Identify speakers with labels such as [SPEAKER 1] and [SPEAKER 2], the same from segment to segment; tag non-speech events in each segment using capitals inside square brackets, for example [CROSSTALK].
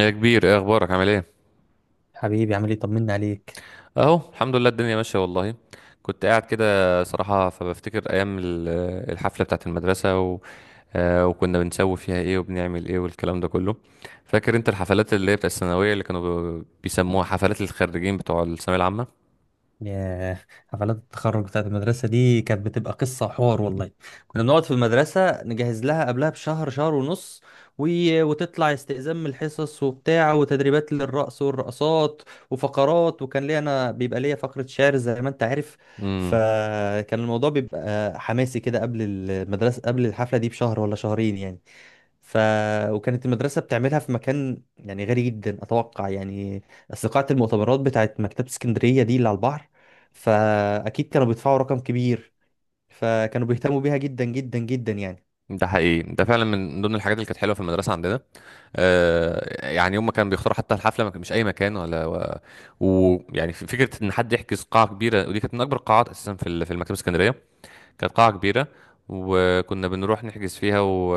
[SPEAKER 1] يا كبير، ايه اخبارك؟ عامل ايه؟
[SPEAKER 2] حبيبي، عامل ايه؟ طمنا عليك.
[SPEAKER 1] اهو الحمد لله، الدنيا ماشيه والله. كنت قاعد كده. صراحه فبفتكر ايام الحفله بتاعت المدرسه وكنا بنسوي فيها ايه وبنعمل ايه والكلام ده كله. فاكر انت الحفلات اللي هي بتاعت الثانويه اللي كانوا بيسموها حفلات الخريجين بتوع الثانويه العامه.
[SPEAKER 2] يا حفلات التخرج بتاعت المدرسة دي كانت بتبقى قصة وحوار والله. كنا بنقعد في المدرسة نجهز لها قبلها بشهر، شهر ونص. و... وتطلع استئذان من الحصص وبتاع، وتدريبات للرقص والرقصات وفقرات. وكان ليا انا بيبقى ليا فقرة شعر زي ما انت عارف.
[SPEAKER 1] امم.
[SPEAKER 2] فكان الموضوع بيبقى حماسي كده قبل المدرسة، قبل الحفلة دي بشهر ولا شهرين يعني. ف وكانت المدرسة بتعملها في مكان يعني غالي جدا أتوقع يعني. أصل قاعة المؤتمرات بتاعت مكتبة اسكندرية دي اللي على البحر، فأكيد كانوا بيدفعوا رقم كبير، فكانوا بيهتموا بيها جدا جدا جدا يعني.
[SPEAKER 1] ده حقيقي، ده فعلا من ضمن الحاجات اللي كانت حلوه في المدرسه عندنا. يعني هم كانوا بيختاروا حتى الحفله، ما كان- مش اي مكان ولا ويعني يعني فكره ان حد يحجز قاعه كبيره، ودي كانت من اكبر القاعات اساسا في في المكتبه الاسكندريه. كانت قاعة كبيرة، وكنا بنروح نحجز فيها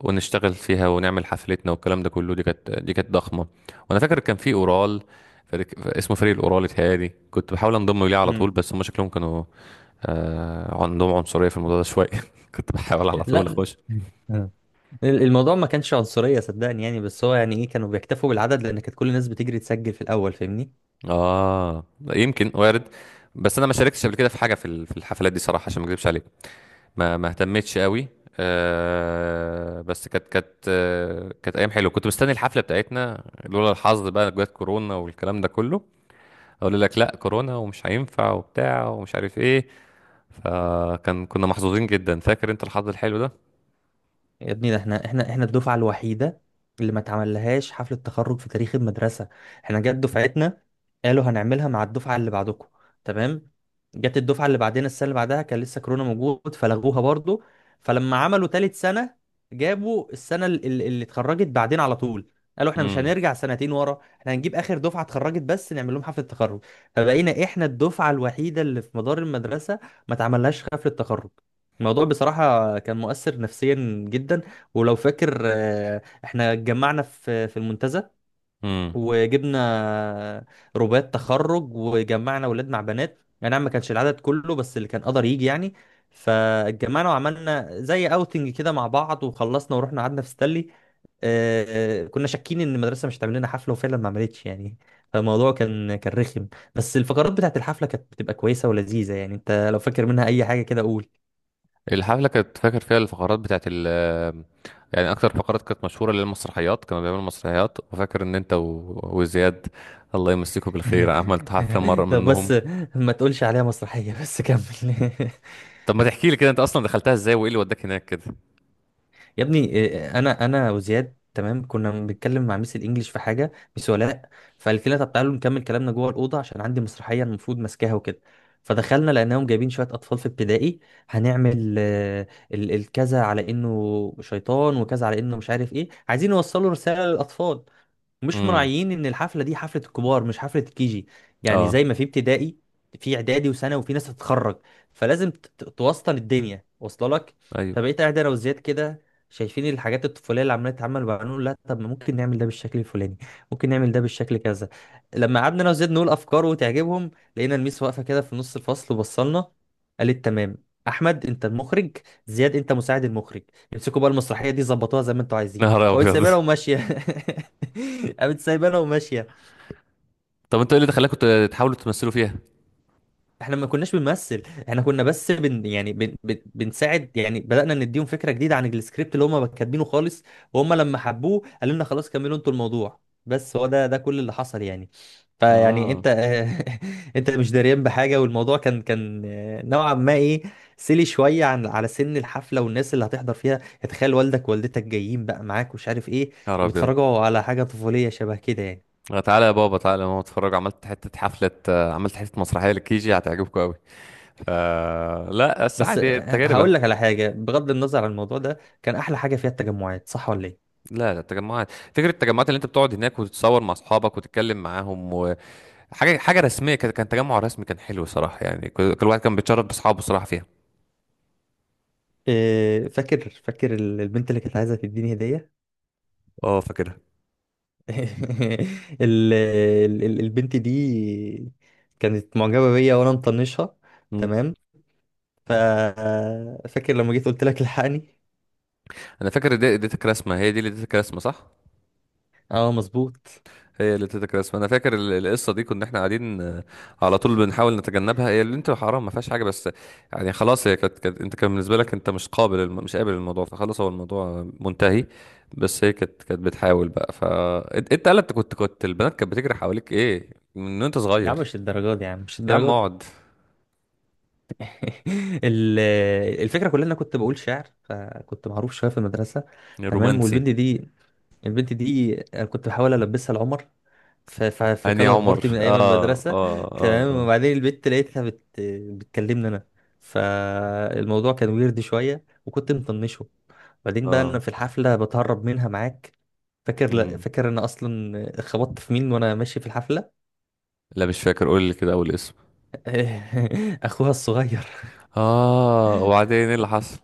[SPEAKER 1] ونشتغل فيها ونعمل حفلتنا والكلام ده كله. دي كانت ضخمة. وانا فاكر كان في اورال، فريق... اسمه فريق الاورال اتهيألي. كنت بحاول انضم ليه على طول،
[SPEAKER 2] امم.
[SPEAKER 1] بس هم شكلهم كانوا عندهم عنصرية في الموضوع ده شوية. [LAUGHS] كنت بحاول على طول
[SPEAKER 2] لا.
[SPEAKER 1] اخش.
[SPEAKER 2] آه. الموضوع ما كانش عنصرية صدقني يعني، بس هو يعني إيه، كانوا بيكتفوا بالعدد لأن كانت كل الناس بتجري تسجل في الأول، فاهمني؟
[SPEAKER 1] اه، يمكن وارد. بس انا ما شاركتش قبل كده في حاجة في في الحفلات دي صراحة، عشان ما اكذبش عليك. ما اهتمتش قوي. أه، بس كانت ايام حلوه. كنت مستني الحفله بتاعتنا، لولا الحظ بقى جت كورونا والكلام ده كله. اقول لك لا، كورونا ومش هينفع وبتاع ومش عارف ايه. فكان كنا محظوظين جدا. فاكر انت الحظ الحلو ده؟
[SPEAKER 2] يا ابني ده احنا الدفعة الوحيدة اللي ما اتعملهاش حفلة تخرج في تاريخ المدرسة. احنا جت دفعتنا، قالوا هنعملها مع الدفعة اللي بعدكم، تمام. جت الدفعة اللي بعدنا، السنة اللي بعدها كان لسه كورونا موجود فلغوها برضو. فلما عملوا تالت سنة، جابوا السنة اللي اتخرجت بعدين على طول. قالوا احنا مش
[SPEAKER 1] امم،
[SPEAKER 2] هنرجع سنتين ورا، احنا هنجيب اخر دفعة اتخرجت بس نعمل لهم حفلة تخرج. فبقينا احنا الدفعة الوحيدة اللي في مدار المدرسة ما اتعملهاش حفلة تخرج. الموضوع بصراحة كان مؤثر نفسيا جدا. ولو فاكر، احنا اتجمعنا في المنتزه،
[SPEAKER 1] امم.
[SPEAKER 2] وجبنا رباط تخرج، وجمعنا ولاد مع بنات يعني، نعم ما كانش العدد كله بس اللي كان قدر يجي يعني. فاتجمعنا وعملنا زي اوتنج كده مع بعض، وخلصنا ورحنا قعدنا في ستانلي. آه، كنا شاكين ان المدرسة مش هتعمل لنا حفلة، وفعلا ما عملتش يعني. فالموضوع كان رخم. بس الفقرات بتاعت الحفلة كانت بتبقى كويسة ولذيذة يعني. انت لو فاكر منها اي حاجة كده قول.
[SPEAKER 1] الحفله، كانت فاكر فيها الفقرات بتاعت يعني. اكتر فقرات كانت مشهوره للمسرحيات. كانوا بيعملوا مسرحيات. وفاكر ان انت وزياد، الله يمسكه بالخير، عملت حفله مره
[SPEAKER 2] [LAUGHS] طب
[SPEAKER 1] منهم.
[SPEAKER 2] بس ما تقولش عليها مسرحية، بس كمل. [LAUGHS]
[SPEAKER 1] طب ما تحكي لي كده، انت اصلا دخلتها ازاي وايه اللي وداك هناك كده؟
[SPEAKER 2] يا ابني إيه، انا وزياد، تمام، كنا بنتكلم مع ميس الانجليش في حاجة، ميس ولاء، فقالت لنا طب تعالوا نكمل كلامنا جوه الأوضة عشان عندي مسرحية المفروض ماسكاها وكده. فدخلنا لقيناهم جايبين شوية أطفال في ابتدائي، هنعمل الكذا على إنه شيطان وكذا على إنه مش عارف إيه، عايزين يوصلوا رسالة للأطفال. مش
[SPEAKER 1] امم.
[SPEAKER 2] مراعيين ان الحفله دي حفله الكبار مش حفله الكيجي. يعني
[SPEAKER 1] اه.
[SPEAKER 2] زي ما في ابتدائي، في اعدادي وثانوي وفي ناس هتتخرج، فلازم توسطن الدنيا، واصله لك؟
[SPEAKER 1] ايوه.
[SPEAKER 2] فبقيت قاعد انا وزياد كده شايفين الحاجات الطفوليه اللي عماله تتعمل، وبنقول لا طب، ما ممكن نعمل ده بالشكل الفلاني، ممكن نعمل ده بالشكل كذا. لما قعدنا انا وزياد نقول افكار وتعجبهم، لقينا الميس واقفه كده في نص الفصل وبصلنا. قالت تمام، احمد انت المخرج، زياد انت مساعد المخرج، امسكوا بقى المسرحيه دي ظبطوها زي ما انتوا عايزين،
[SPEAKER 1] نهار
[SPEAKER 2] وقلت
[SPEAKER 1] ابيض.
[SPEAKER 2] سايبها
[SPEAKER 1] [LAUGHS]
[SPEAKER 2] وماشيه. [LAUGHS] [LAUGHS] قامت سايبانا وماشيه.
[SPEAKER 1] طب انتوا ايه اللي دخلكوا تحاولوا تمثلوا فيها؟
[SPEAKER 2] احنا ما كناش بنمثل، احنا كنا بس يعني بن بن بنساعد يعني. بدأنا نديهم فكره جديده عن السكريبت اللي هم كاتبينه خالص، وهم لما حبوه قالوا لنا خلاص كملوا انتوا الموضوع. بس هو ده كل اللي حصل يعني. فيعني
[SPEAKER 1] اه.
[SPEAKER 2] انت [LAUGHS] انت مش داريان بحاجه، والموضوع كان نوعا ما ايه، سيلي شويه على سن الحفله والناس اللي هتحضر فيها يعني. تخيل والدك ووالدتك جايين بقى معاك ومش عارف ايه،
[SPEAKER 1] نهار ابيض.
[SPEAKER 2] بيتفرجوا على حاجه طفوليه شبه كده يعني.
[SPEAKER 1] تعالى يا بابا، تعالى يا ماما، اتفرج، عملت حته حفله، عملت حته مسرحيه للكيجي، هتعجبكم قوي. ف لا، بس
[SPEAKER 2] بس
[SPEAKER 1] عادي، تجربه.
[SPEAKER 2] هقول لك على حاجة، بغض النظر عن الموضوع ده كان أحلى حاجة فيها التجمعات، صح ولا إيه؟
[SPEAKER 1] لا لا، التجمعات، فكره التجمعات اللي انت بتقعد هناك وتتصور مع اصحابك وتتكلم معاهم، وحاجه، حاجه رسميه كده، كان تجمع رسمي، كان حلو صراحه يعني. كل واحد كان بيتشرف باصحابه صراحه فيها.
[SPEAKER 2] إيه، فاكر البنت اللي كانت عايزة تديني هدية.
[SPEAKER 1] اه، فاكرها.
[SPEAKER 2] [LAUGHS] البنت دي كانت معجبة بيا وأنا مطنشها، تمام. ف فاكر لما جيت قلت لك الحقني؟
[SPEAKER 1] انا فاكر اديتك رسمه. هي دي اللي اديتك رسمه، صح؟
[SPEAKER 2] اه مظبوط.
[SPEAKER 1] هي اللي اديتك رسمه. انا فاكر القصه دي. كنا احنا قاعدين، على طول بنحاول نتجنبها. هي اللي انت حرام، ما فيهاش حاجه، بس يعني خلاص، هي انت كان بالنسبه لك انت مش قابل مش قابل الموضوع، فخلاص هو الموضوع منتهي. بس هي كانت بتحاول بقى. انت قالت كنت البنات كانت بتجري حواليك ايه من وانت
[SPEAKER 2] يا
[SPEAKER 1] صغير.
[SPEAKER 2] عم مش الدرجات دي، يا عم مش
[SPEAKER 1] يا عم
[SPEAKER 2] الدرجات دي.
[SPEAKER 1] اقعد.
[SPEAKER 2] [LAUGHS] ال- الفكرة كلها إن أنا كنت بقول شعر فكنت معروف شوية في المدرسة، تمام.
[SPEAKER 1] رومانسي.
[SPEAKER 2] والبنت دي البنت دي أنا كنت بحاول البسها لعمر في
[SPEAKER 1] اني
[SPEAKER 2] كالر
[SPEAKER 1] عمر،
[SPEAKER 2] بارتي من ايام
[SPEAKER 1] اه،
[SPEAKER 2] المدرسه.
[SPEAKER 1] اه،
[SPEAKER 2] [LAUGHS]
[SPEAKER 1] اه،
[SPEAKER 2] تمام.
[SPEAKER 1] اه.
[SPEAKER 2] وبعدين البنت لقيتها بتكلمني انا، فالموضوع كان ويرد شويه وكنت مطنشه. بعدين بقى انا
[SPEAKER 1] اه.
[SPEAKER 2] في الحفله بتهرب منها معاك.
[SPEAKER 1] مم.
[SPEAKER 2] فاكر انا اصلا خبطت في مين وانا ماشي في الحفله.
[SPEAKER 1] لا، مش فاكر. قول لي كده اول اسم.
[SPEAKER 2] [LAUGHS] اخوها الصغير.
[SPEAKER 1] اه، وبعدين ايه اللي حصل؟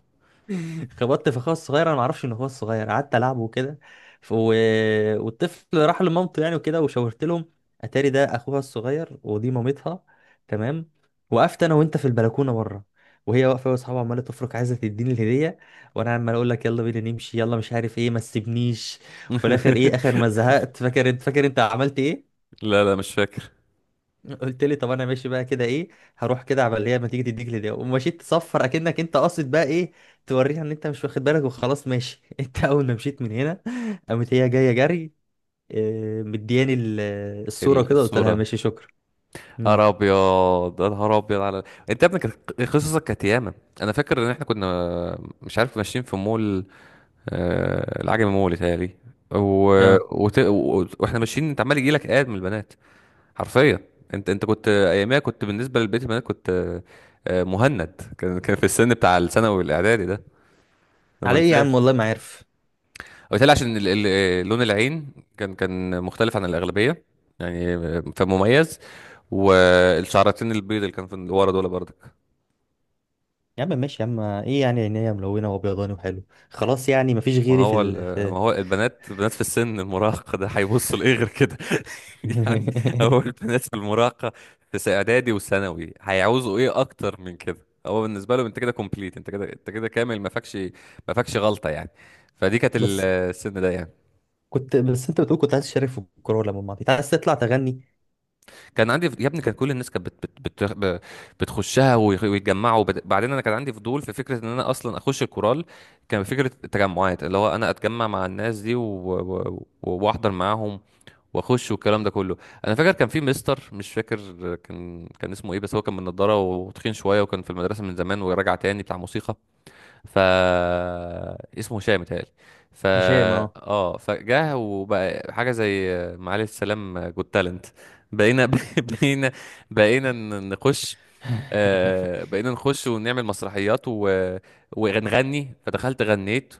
[SPEAKER 2] [LAUGHS] خبطت في اخويا الصغير، انا ما اعرفش ان اخويا الصغير قعدت العبه وكده. ف... و... والطفل راح لمامته يعني وكده، وشاورت لهم. اتاري ده اخوها الصغير ودي مامتها، تمام. وقفت انا وانت في البلكونه بره، وهي واقفه واصحابها عماله تفرك عايزه تديني الهديه، وانا عمال اقول لك يلا بينا نمشي، يلا مش عارف ايه، ما تسيبنيش. وفي الاخر ايه،
[SPEAKER 1] [LAUGHS]
[SPEAKER 2] اخر ما زهقت، فاكر انت عملت ايه؟
[SPEAKER 1] لا لا، مش فاكر.
[SPEAKER 2] قلت لي طب انا ماشي بقى كده ايه، هروح كده عبال هي ما تيجي تديك لدي، ومشيت تصفر اكنك انت قاصد بقى ايه، توريها ان انت مش واخد بالك وخلاص ماشي. [LAUGHS] انت اول ما مشيت من هنا، قامت هي جايه جري، مدياني الصوره كده، قلت لها
[SPEAKER 1] الصورة.
[SPEAKER 2] ماشي شكرا. امم.
[SPEAKER 1] نهار ابيض، يا نهار ابيض انت يا ابني، كانت قصصك كانت ياما. انا فاكر ان احنا كنا مش عارف ماشيين في مول، العجمي مول يتهيألي و...
[SPEAKER 2] اه.
[SPEAKER 1] واحنا ماشيين انت عمال يجيلك اد من البنات، حرفيا. انت كنت اياميها، كنت بالنسبة لبقية البنات كنت، مهند كان في السن بتاع الثانوي الاعدادي ده. انا ما
[SPEAKER 2] على ايه يا عم،
[SPEAKER 1] انساش.
[SPEAKER 2] والله ما عارف.
[SPEAKER 1] وبالتالي، عشان لون العين كان مختلف عن الأغلبية يعني، فمميز. والشعرتين البيض اللي كان في اللي ورا دول برضك.
[SPEAKER 2] يا عم ماشي يا عم، ايه يعني، عينيا ملونه وابيضاني وحلو. خلاص يعني مفيش
[SPEAKER 1] ما
[SPEAKER 2] غيري في
[SPEAKER 1] هو
[SPEAKER 2] ال... في
[SPEAKER 1] ما هو البنات في السن المراهقة ده هيبصوا لإيه غير كده؟ [LAUGHS] يعني. هو
[SPEAKER 2] [LAUGHS]
[SPEAKER 1] البنات في المراهقة، في إعدادي وثانوي، هيعوزوا إيه أكتر من كده؟ هو بالنسبة لهم أنت كده كومبليت، أنت كده، أنت كده كامل، ما فاكش غلطة يعني. فدي كانت
[SPEAKER 2] بس
[SPEAKER 1] السن ده يعني.
[SPEAKER 2] كنت، بس انت بتقول كنت عايز تشارك في الكوره ولا ما انت عايز تطلع تغني.
[SPEAKER 1] كان عندي يا ابني، كان كل الناس كانت بت بت ب- بتخشها ويتجمعوا. بعدين انا كان عندي فضول في فكره ان انا اصلا اخش الكورال. كان فكره التجمعات، اللي هو انا اتجمع مع الناس دي واحضر معاهم واخش والكلام ده كله. انا فاكر كان في مستر، مش فاكر كان اسمه ايه، بس هو كان من نضاره وتخين شويه، وكان في المدرسه من زمان وراجع تاني بتاع موسيقى. ف اسمه هشام متهيألي. ف
[SPEAKER 2] هشام، اه.
[SPEAKER 1] اه فجاه وبقى حاجه زي معالي السلام، جود تالنت. بقينا [LAUGHS] بقينا بقينا نخش.
[SPEAKER 2] [LAUGHS]
[SPEAKER 1] آه، بقينا نخش ونعمل مسرحيات ونغني. فدخلت غنيت،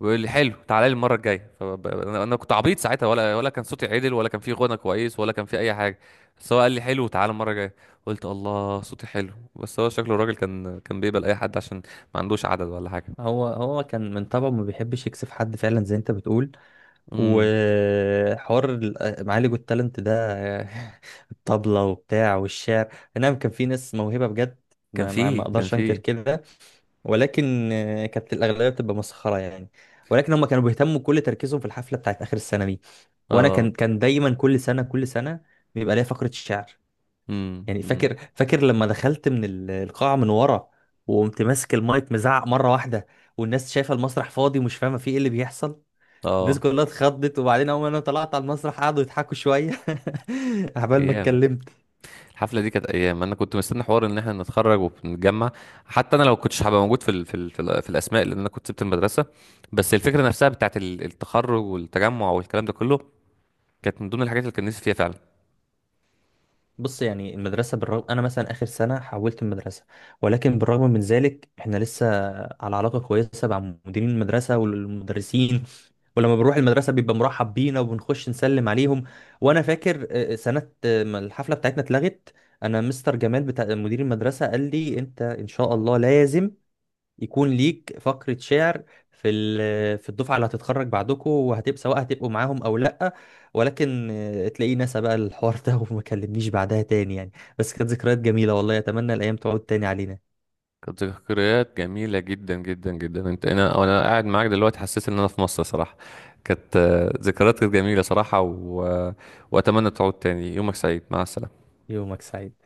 [SPEAKER 1] ويقول لي حلو، تعالى لي المره الجايه. انا كنت عبيط ساعتها، ولا كان صوتي عدل، ولا كان في غنى كويس، ولا كان في اي حاجه. بس هو قال لي حلو، تعالى المره الجايه. قلت الله، صوتي حلو. بس هو شكله الراجل كان بيقبل اي حد، عشان ما عندوش عدد ولا حاجه.
[SPEAKER 2] هو كان من طبعه ما بيحبش يكسف حد فعلا زي انت بتقول.
[SPEAKER 1] امم.
[SPEAKER 2] وحوار معالج التالنت ده. [LAUGHS] الطبلة وبتاع والشعر. نعم، كان في ناس موهبة بجد،
[SPEAKER 1] كان
[SPEAKER 2] ما
[SPEAKER 1] فيه، كان
[SPEAKER 2] اقدرش انكر
[SPEAKER 1] فيه.
[SPEAKER 2] كده. ولكن كانت الاغلبيه بتبقى مسخره يعني. ولكن هم كانوا بيهتموا كل تركيزهم في الحفله بتاعت اخر السنه دي. وانا
[SPEAKER 1] اه.
[SPEAKER 2] كان دايما كل سنه كل سنه بيبقى ليا فقره الشعر
[SPEAKER 1] امم،
[SPEAKER 2] يعني.
[SPEAKER 1] امم.
[SPEAKER 2] فاكر لما دخلت من القاعة من ورا، وقمت ماسك المايك مزعق مرة واحدة، والناس شايفة المسرح فاضي ومش فاهمة فيه ايه اللي بيحصل. الناس
[SPEAKER 1] اه،
[SPEAKER 2] كلها اتخضت، وبعدين اول ما انا طلعت على المسرح قعدوا يضحكوا شوية [LAUGHS] عبال ما
[SPEAKER 1] ايام.
[SPEAKER 2] اتكلمت.
[SPEAKER 1] الحفله دي كانت ايام انا كنت مستني حوار ان احنا نتخرج ونتجمع. حتى انا لو كنتش هبقى موجود في الاسماء، لان انا كنت سبت المدرسه. بس الفكره نفسها بتاعت التخرج والتجمع والكلام ده كله كانت من ضمن الحاجات اللي كان نفسي فيها فعلا.
[SPEAKER 2] بص، يعني المدرسة، بالرغم أنا مثلا آخر سنة حولت المدرسة، ولكن بالرغم من ذلك إحنا لسه على علاقة كويسة مع مديرين المدرسة والمدرسين. ولما بنروح المدرسة بيبقى مرحب بينا وبنخش نسلم عليهم. وأنا فاكر سنة ما الحفلة بتاعتنا اتلغت، أنا مستر جمال بتاع مدير المدرسة قال لي أنت إن شاء الله لازم يكون ليك فقرة شعر في الدفعة اللي هتتخرج بعدكم، وهتبقى سواء هتبقوا معاهم او لا. ولكن تلاقيه نسى بقى الحوار [LAUGHS] ده وما كلمنيش بعدها تاني يعني. بس كانت ذكريات جميلة والله، اتمنى الايام تعود تاني علينا.
[SPEAKER 1] كانت ذكريات جميله جدا جدا جدا. انت انا انا قاعد معاك دلوقتي، حسيت ان انا في مصر صراحه. كانت، ذكريات كانت جميله صراحه، واتمنى تعود تاني. يومك سعيد، مع السلامه.
[SPEAKER 2] يومك سعيد.